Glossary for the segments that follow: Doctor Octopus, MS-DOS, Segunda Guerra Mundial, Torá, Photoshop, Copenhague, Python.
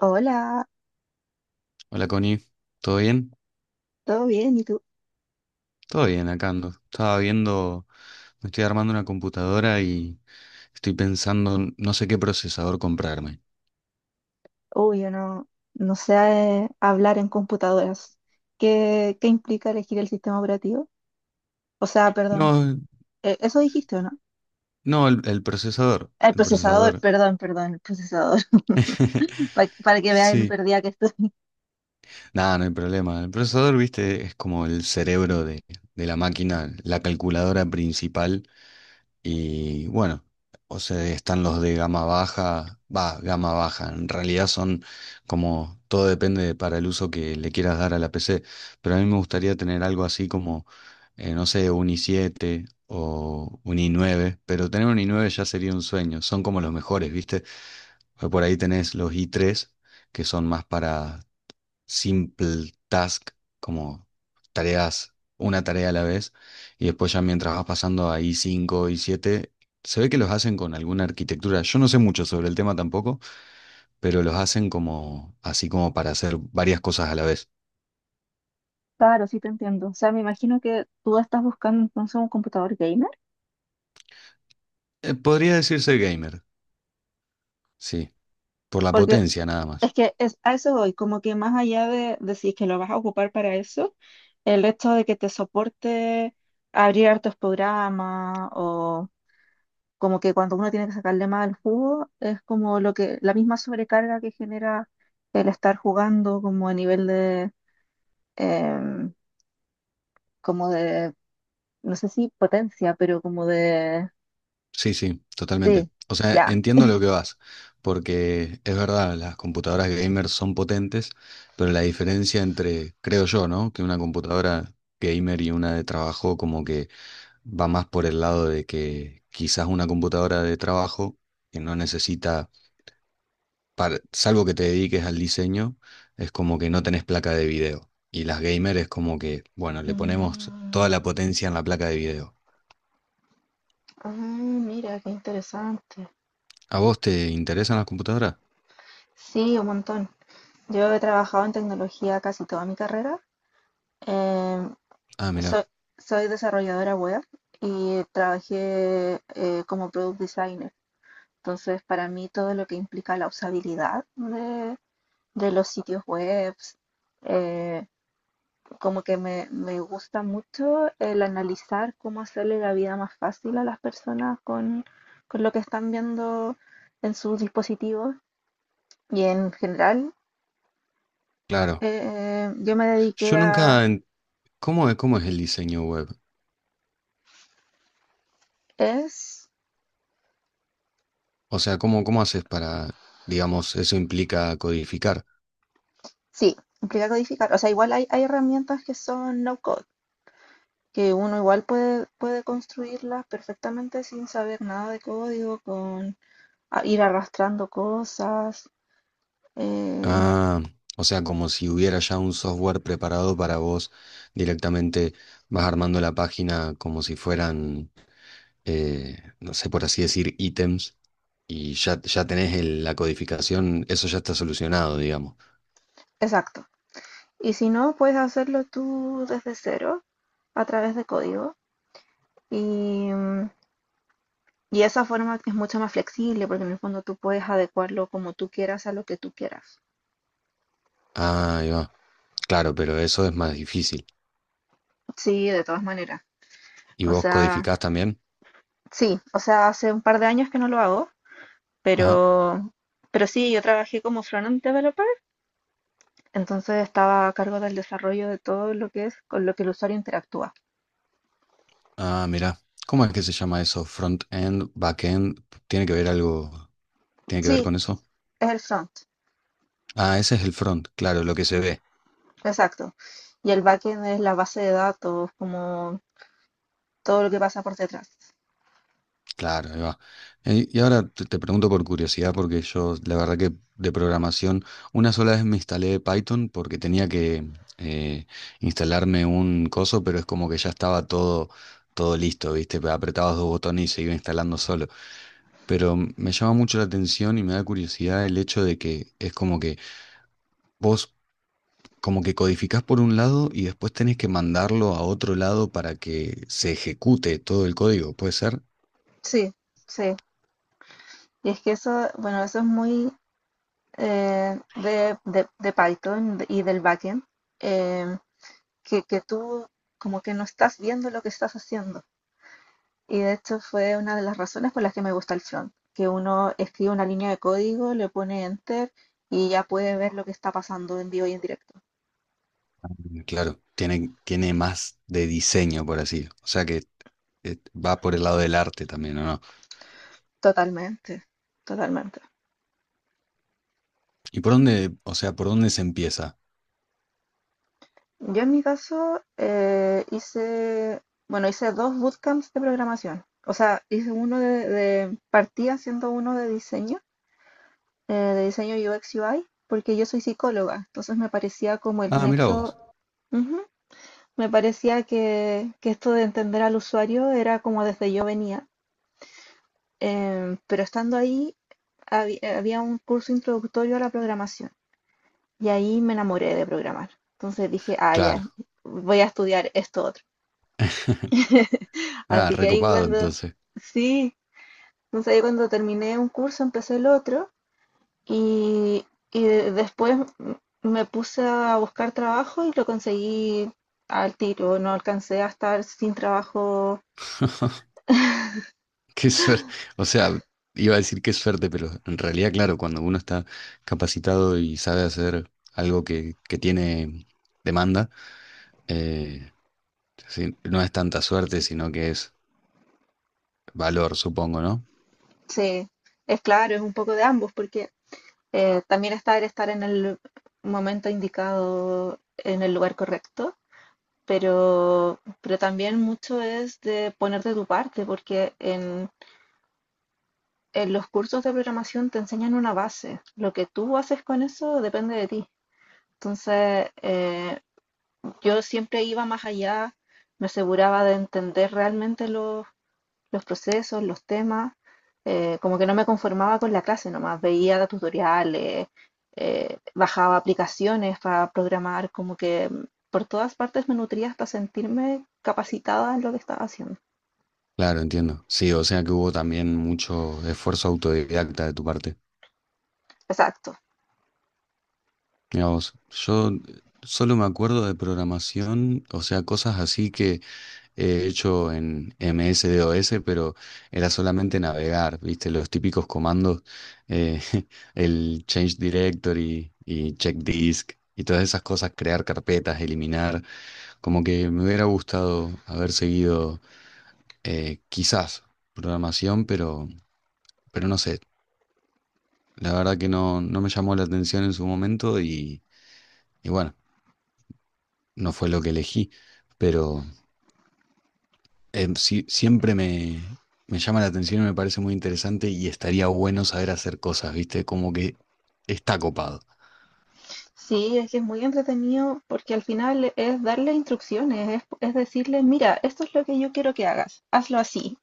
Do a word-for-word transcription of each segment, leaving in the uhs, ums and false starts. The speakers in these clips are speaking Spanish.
Hola, Hola Connie, ¿todo bien? ¿todo bien? ¿Y tú? Todo bien, acá ando. Estaba viendo, me estoy armando una computadora y estoy pensando, en no sé qué procesador comprarme. Uy, yo no, no sé eh, hablar en computadoras. ¿Qué, qué implica elegir el sistema operativo? O sea, perdón, No, eh, eso dijiste, ¿o no? no, el, el procesador, El el procesador, procesador. perdón, perdón, el procesador. Para, para que veas lo Sí, perdida que estoy. nada, no hay problema. El procesador, viste, es como el cerebro de, de la máquina, la calculadora principal. Y bueno, o sea, están los de gama baja, va, gama baja. En realidad son como, todo depende de- para el uso que le quieras dar a la P C. Pero a mí me gustaría tener algo así como, eh, no sé, un i siete o un i nueve. Pero tener un i nueve ya sería un sueño. Son como los mejores, ¿viste? Porque por ahí tenés los i tres que son más para simple task, como tareas, una tarea a la vez, y después ya mientras vas pasando a I cinco, I siete, se ve que los hacen con alguna arquitectura. Yo no sé mucho sobre el tema tampoco, pero los hacen como así como para hacer varias cosas a la vez. Claro, sí te entiendo. O sea, me imagino que tú estás buscando entonces un computador gamer, Eh, podría decirse gamer, sí, por la porque potencia nada es más. que es, a eso voy, como que más allá de decir que lo vas a ocupar para eso, el hecho de que te soporte abrir hartos programas o como que cuando uno tiene que sacarle más al jugo, es como lo que, la misma sobrecarga que genera el estar jugando como a nivel de, em, como de, no sé si potencia, pero como de, Sí, sí, totalmente. sí, O sea, ya. entiendo lo que vas, porque es verdad, las computadoras gamer son potentes, pero la diferencia entre, creo yo, ¿no? Que una computadora gamer y una de trabajo como que va más por el lado de que quizás una computadora de trabajo que no necesita, para- salvo que te dediques al diseño, es como que no tenés placa de video. Y las gamer es como que, bueno, le ponemos toda Mm, la potencia en la placa de video. ah, mira, qué interesante. ¿A vos te interesan las computadoras? Sí, un montón. Yo he trabajado en tecnología casi toda mi carrera. Em, Ah, mira. soy, soy desarrolladora web y trabajé eh, como product designer. Entonces, para mí todo lo que implica la usabilidad de, de los sitios web, eh, como que me, me gusta mucho el analizar cómo hacerle la vida más fácil a las personas con, con lo que están viendo en sus dispositivos. Y en general, Claro. eh, yo me dediqué Yo a... nunca... en- ¿Cómo es, cómo es el diseño web? Es... O sea, ¿cómo, cómo haces para, digamos, eso implica codificar? Sí, implica codificar. O sea, igual hay, hay herramientas que son no code, que uno igual puede, puede construirlas perfectamente sin saber nada de código, con a- ir arrastrando cosas. eh, Ah, o sea, como si hubiera ya un software preparado para vos directamente vas armando la página como si fueran, eh, no sé, por así decir, ítems y ya, ya tenés el- la codificación, eso ya está solucionado, digamos. exacto. Y si no, puedes hacerlo tú desde cero a través de código. Y, mm, y esa forma es mucho más flexible porque en el fondo tú puedes adecuarlo como tú quieras a lo que tú quieras. Ah, ahí va. Claro, pero eso es más difícil. Sí, de todas maneras. ¿Y O vos sea, codificás también? sí, o sea, hace un par de años que no lo hago, Ajá. pero, pero sí, yo trabajé como front-end developer, entonces estaba a cargo del desarrollo de todo lo que es con lo que el usuario interactúa. Ah, mira, ¿cómo es que se llama eso? Front-end, back-end, ¿tiene que ver algo? ¿Tiene que Sí, ver con eso? es el front. Ah, ese es el front, claro, lo que se ve. Exacto. Y el backend es la base de datos, como todo lo que pasa por detrás. Claro, ahí va. Eh, Y ahora te te pregunto por curiosidad, porque yo la verdad que de programación, una sola vez me instalé Python porque tenía que eh, instalarme un coso, pero es como que ya estaba todo, todo listo, ¿viste? Apretabas dos botones y se iba instalando solo. Pero me llama mucho la atención y me da curiosidad el hecho de que es como que... Vos como que codificás por un lado y después tenés que mandarlo a otro lado para que se ejecute todo el código, ¿puede ser? Sí, sí. Y es que eso, bueno, eso es muy eh, de, de- de Python y del backend, eh, que, que tú como que no estás viendo lo que estás haciendo. Y de hecho fue una de las razones por las que me gusta el front, que uno escribe una línea de código, le pone enter y ya puede ver lo que está pasando en vivo y en directo. Mm, claro, tiene, tiene más de diseño, por así. O sea que eh, va por el lado del arte también, ¿o no? Totalmente, totalmente. ¿Y por dónde, o sea, por dónde se empieza? Yo en mi caso eh, hice, bueno, hice dos bootcamps de programación. O sea, hice uno de, de- partí haciendo uno de diseño, eh, de diseño U X U I, porque yo soy psicóloga, entonces me parecía como el Ah, mira nexo, vos. ujú, me parecía que, que esto de entender al usuario era como desde yo venía. Em, pero estando ahí, habi- había un curso introductorio a la programación y ahí me enamoré de programar. Entonces dije, ah, ya, Claro. voy a estudiar esto otro. Ah, Así que ahí recopado cuando, entonces. sí, entonces ahí cuando terminé un curso empecé el otro y, y de- después m- me puse a buscar trabajo y lo conseguí al tiro. No alcancé a estar sin trabajo. Qué suerte. O sea, iba a decir qué suerte, pero en realidad, claro, cuando uno está capacitado y sabe hacer algo que, que tiene demanda, eh, sí, no es tanta suerte, sino que es valor, supongo, ¿no? Sí, es claro, es un poco de ambos porque eh, también estar, estar en el momento indicado, en el lugar correcto. Pero, pero también mucho es de ponerte de tu parte, porque en, en los cursos de programación te enseñan una base. Lo que tú haces con eso depende de ti. Entonces, eh, yo siempre iba más allá, me aseguraba de entender realmente los, los procesos, los temas, eh, como que no me conformaba con la clase nomás, veía tutoriales, eh, bajaba aplicaciones para programar, como que por todas partes me nutría hasta sentirme capacitada en lo que estaba haciendo. Claro, entiendo. Sí, o sea que hubo también mucho esfuerzo autodidacta de tu parte. Exacto. Mira vos, yo solo me acuerdo de programación, o sea, cosas así que he hecho en M S-D O S, pero era solamente navegar, ¿viste? Los típicos comandos, eh, el change directory y check disk y todas esas cosas, crear carpetas, eliminar. Como que me hubiera gustado haber seguido eh, quizás programación, pero, pero no sé. La verdad que no, no me llamó la atención en su momento y, y bueno, no fue lo que elegí, pero em, sí- siempre me, me llama la atención y me parece muy interesante y estaría bueno saber hacer cosas, ¿viste? Como que está copado. Sí, es que es muy entretenido porque al final es darle instrucciones, es, es decirle, mira, esto es lo que yo quiero que hagas, hazlo así.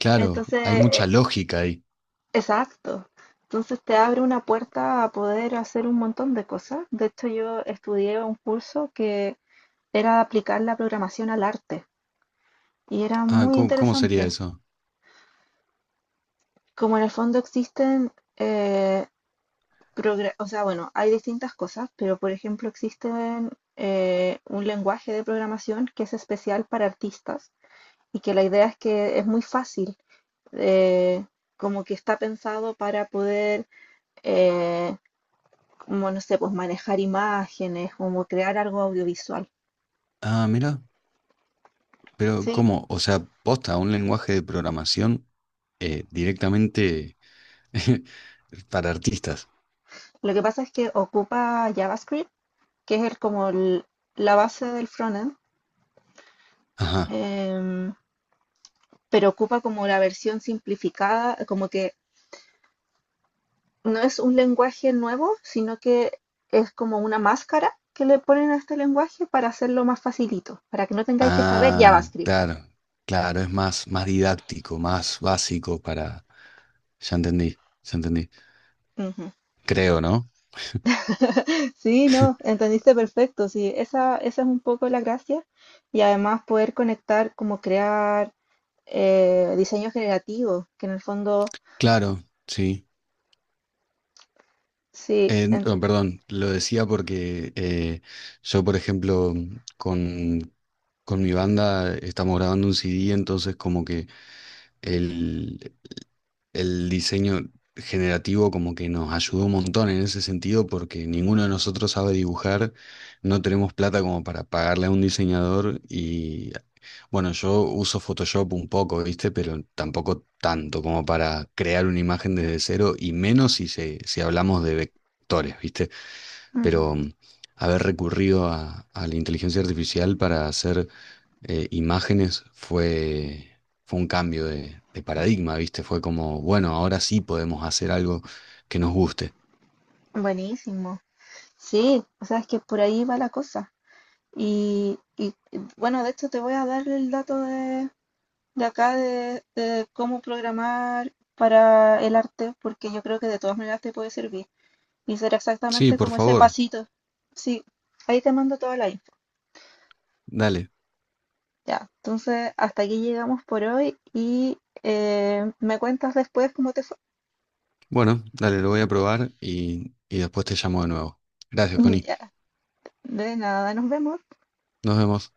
Claro, Entonces, hay eh, mucha lógica ahí. exacto. Entonces te abre una puerta a poder hacer un montón de cosas. De hecho, yo estudié un curso que era aplicar la programación al arte y era Ah, muy ¿cómo, cómo sería interesante. eso? Como en el fondo existen eh, progra- o sea, bueno, hay distintas cosas, pero por ejemplo existen eh, un lenguaje de programación que es especial para artistas y que la idea es que es muy fácil, eh, como que está pensado para poder, eh, como no sé, pues manejar imágenes, como crear algo audiovisual. Ah, mira, pero Sí, ¿cómo? O sea, posta, ¿un lenguaje de programación eh, directamente para artistas? lo que pasa es que ocupa JavaScript, que es el- como el- la base del frontend, Ajá. em, pero ocupa como la versión simplificada, como que no es un lenguaje nuevo, sino que es como una máscara que le ponen a este lenguaje para hacerlo más facilito, para que no tengáis que saber Ah, JavaScript. claro, claro, es más, más didáctico, más básico para... Ya entendí, ya entendí. Ujú. Creo, ¿no? Sí, no, entendiste perfecto. Sí, esa, esa es un poco la gracia. Y además poder conectar, como crear eh, diseño generativo, que en el fondo, Claro, sí. sí, Eh, ent- no, perdón, lo decía porque eh, yo, por ejemplo, con, con mi banda estamos grabando un C D, entonces como que el, el diseño generativo como que nos ayudó un montón en ese sentido porque ninguno de nosotros sabe dibujar, no tenemos plata como para pagarle a un diseñador. Y bueno, yo uso Photoshop un poco, ¿viste? Pero tampoco tanto como para crear una imagen desde cero y menos si, se, si hablamos de vectores, ¿viste? ujú, Pero mm, haber recurrido a, a la inteligencia artificial para hacer eh, imágenes fue, fue un cambio de, de paradigma, ¿viste? Fue como, bueno, ahora sí podemos hacer algo que nos guste. buenísimo. Sí, o sea, es que por ahí va la cosa. Y, y, bueno, de hecho te voy a dar el dato de, de acá de, de cómo programar para el arte, porque yo creo que de todas maneras te puede servir. Y será Sí, exactamente por como ese favor, pasito. Sí, ahí te mando toda la info. dale. Ya, entonces hasta aquí llegamos por hoy y eh, me cuentas después cómo te fue. Bueno, dale, lo voy a probar y, y después te llamo de nuevo. Gracias, Connie. Ya, de nada, nos vemos. Nos vemos.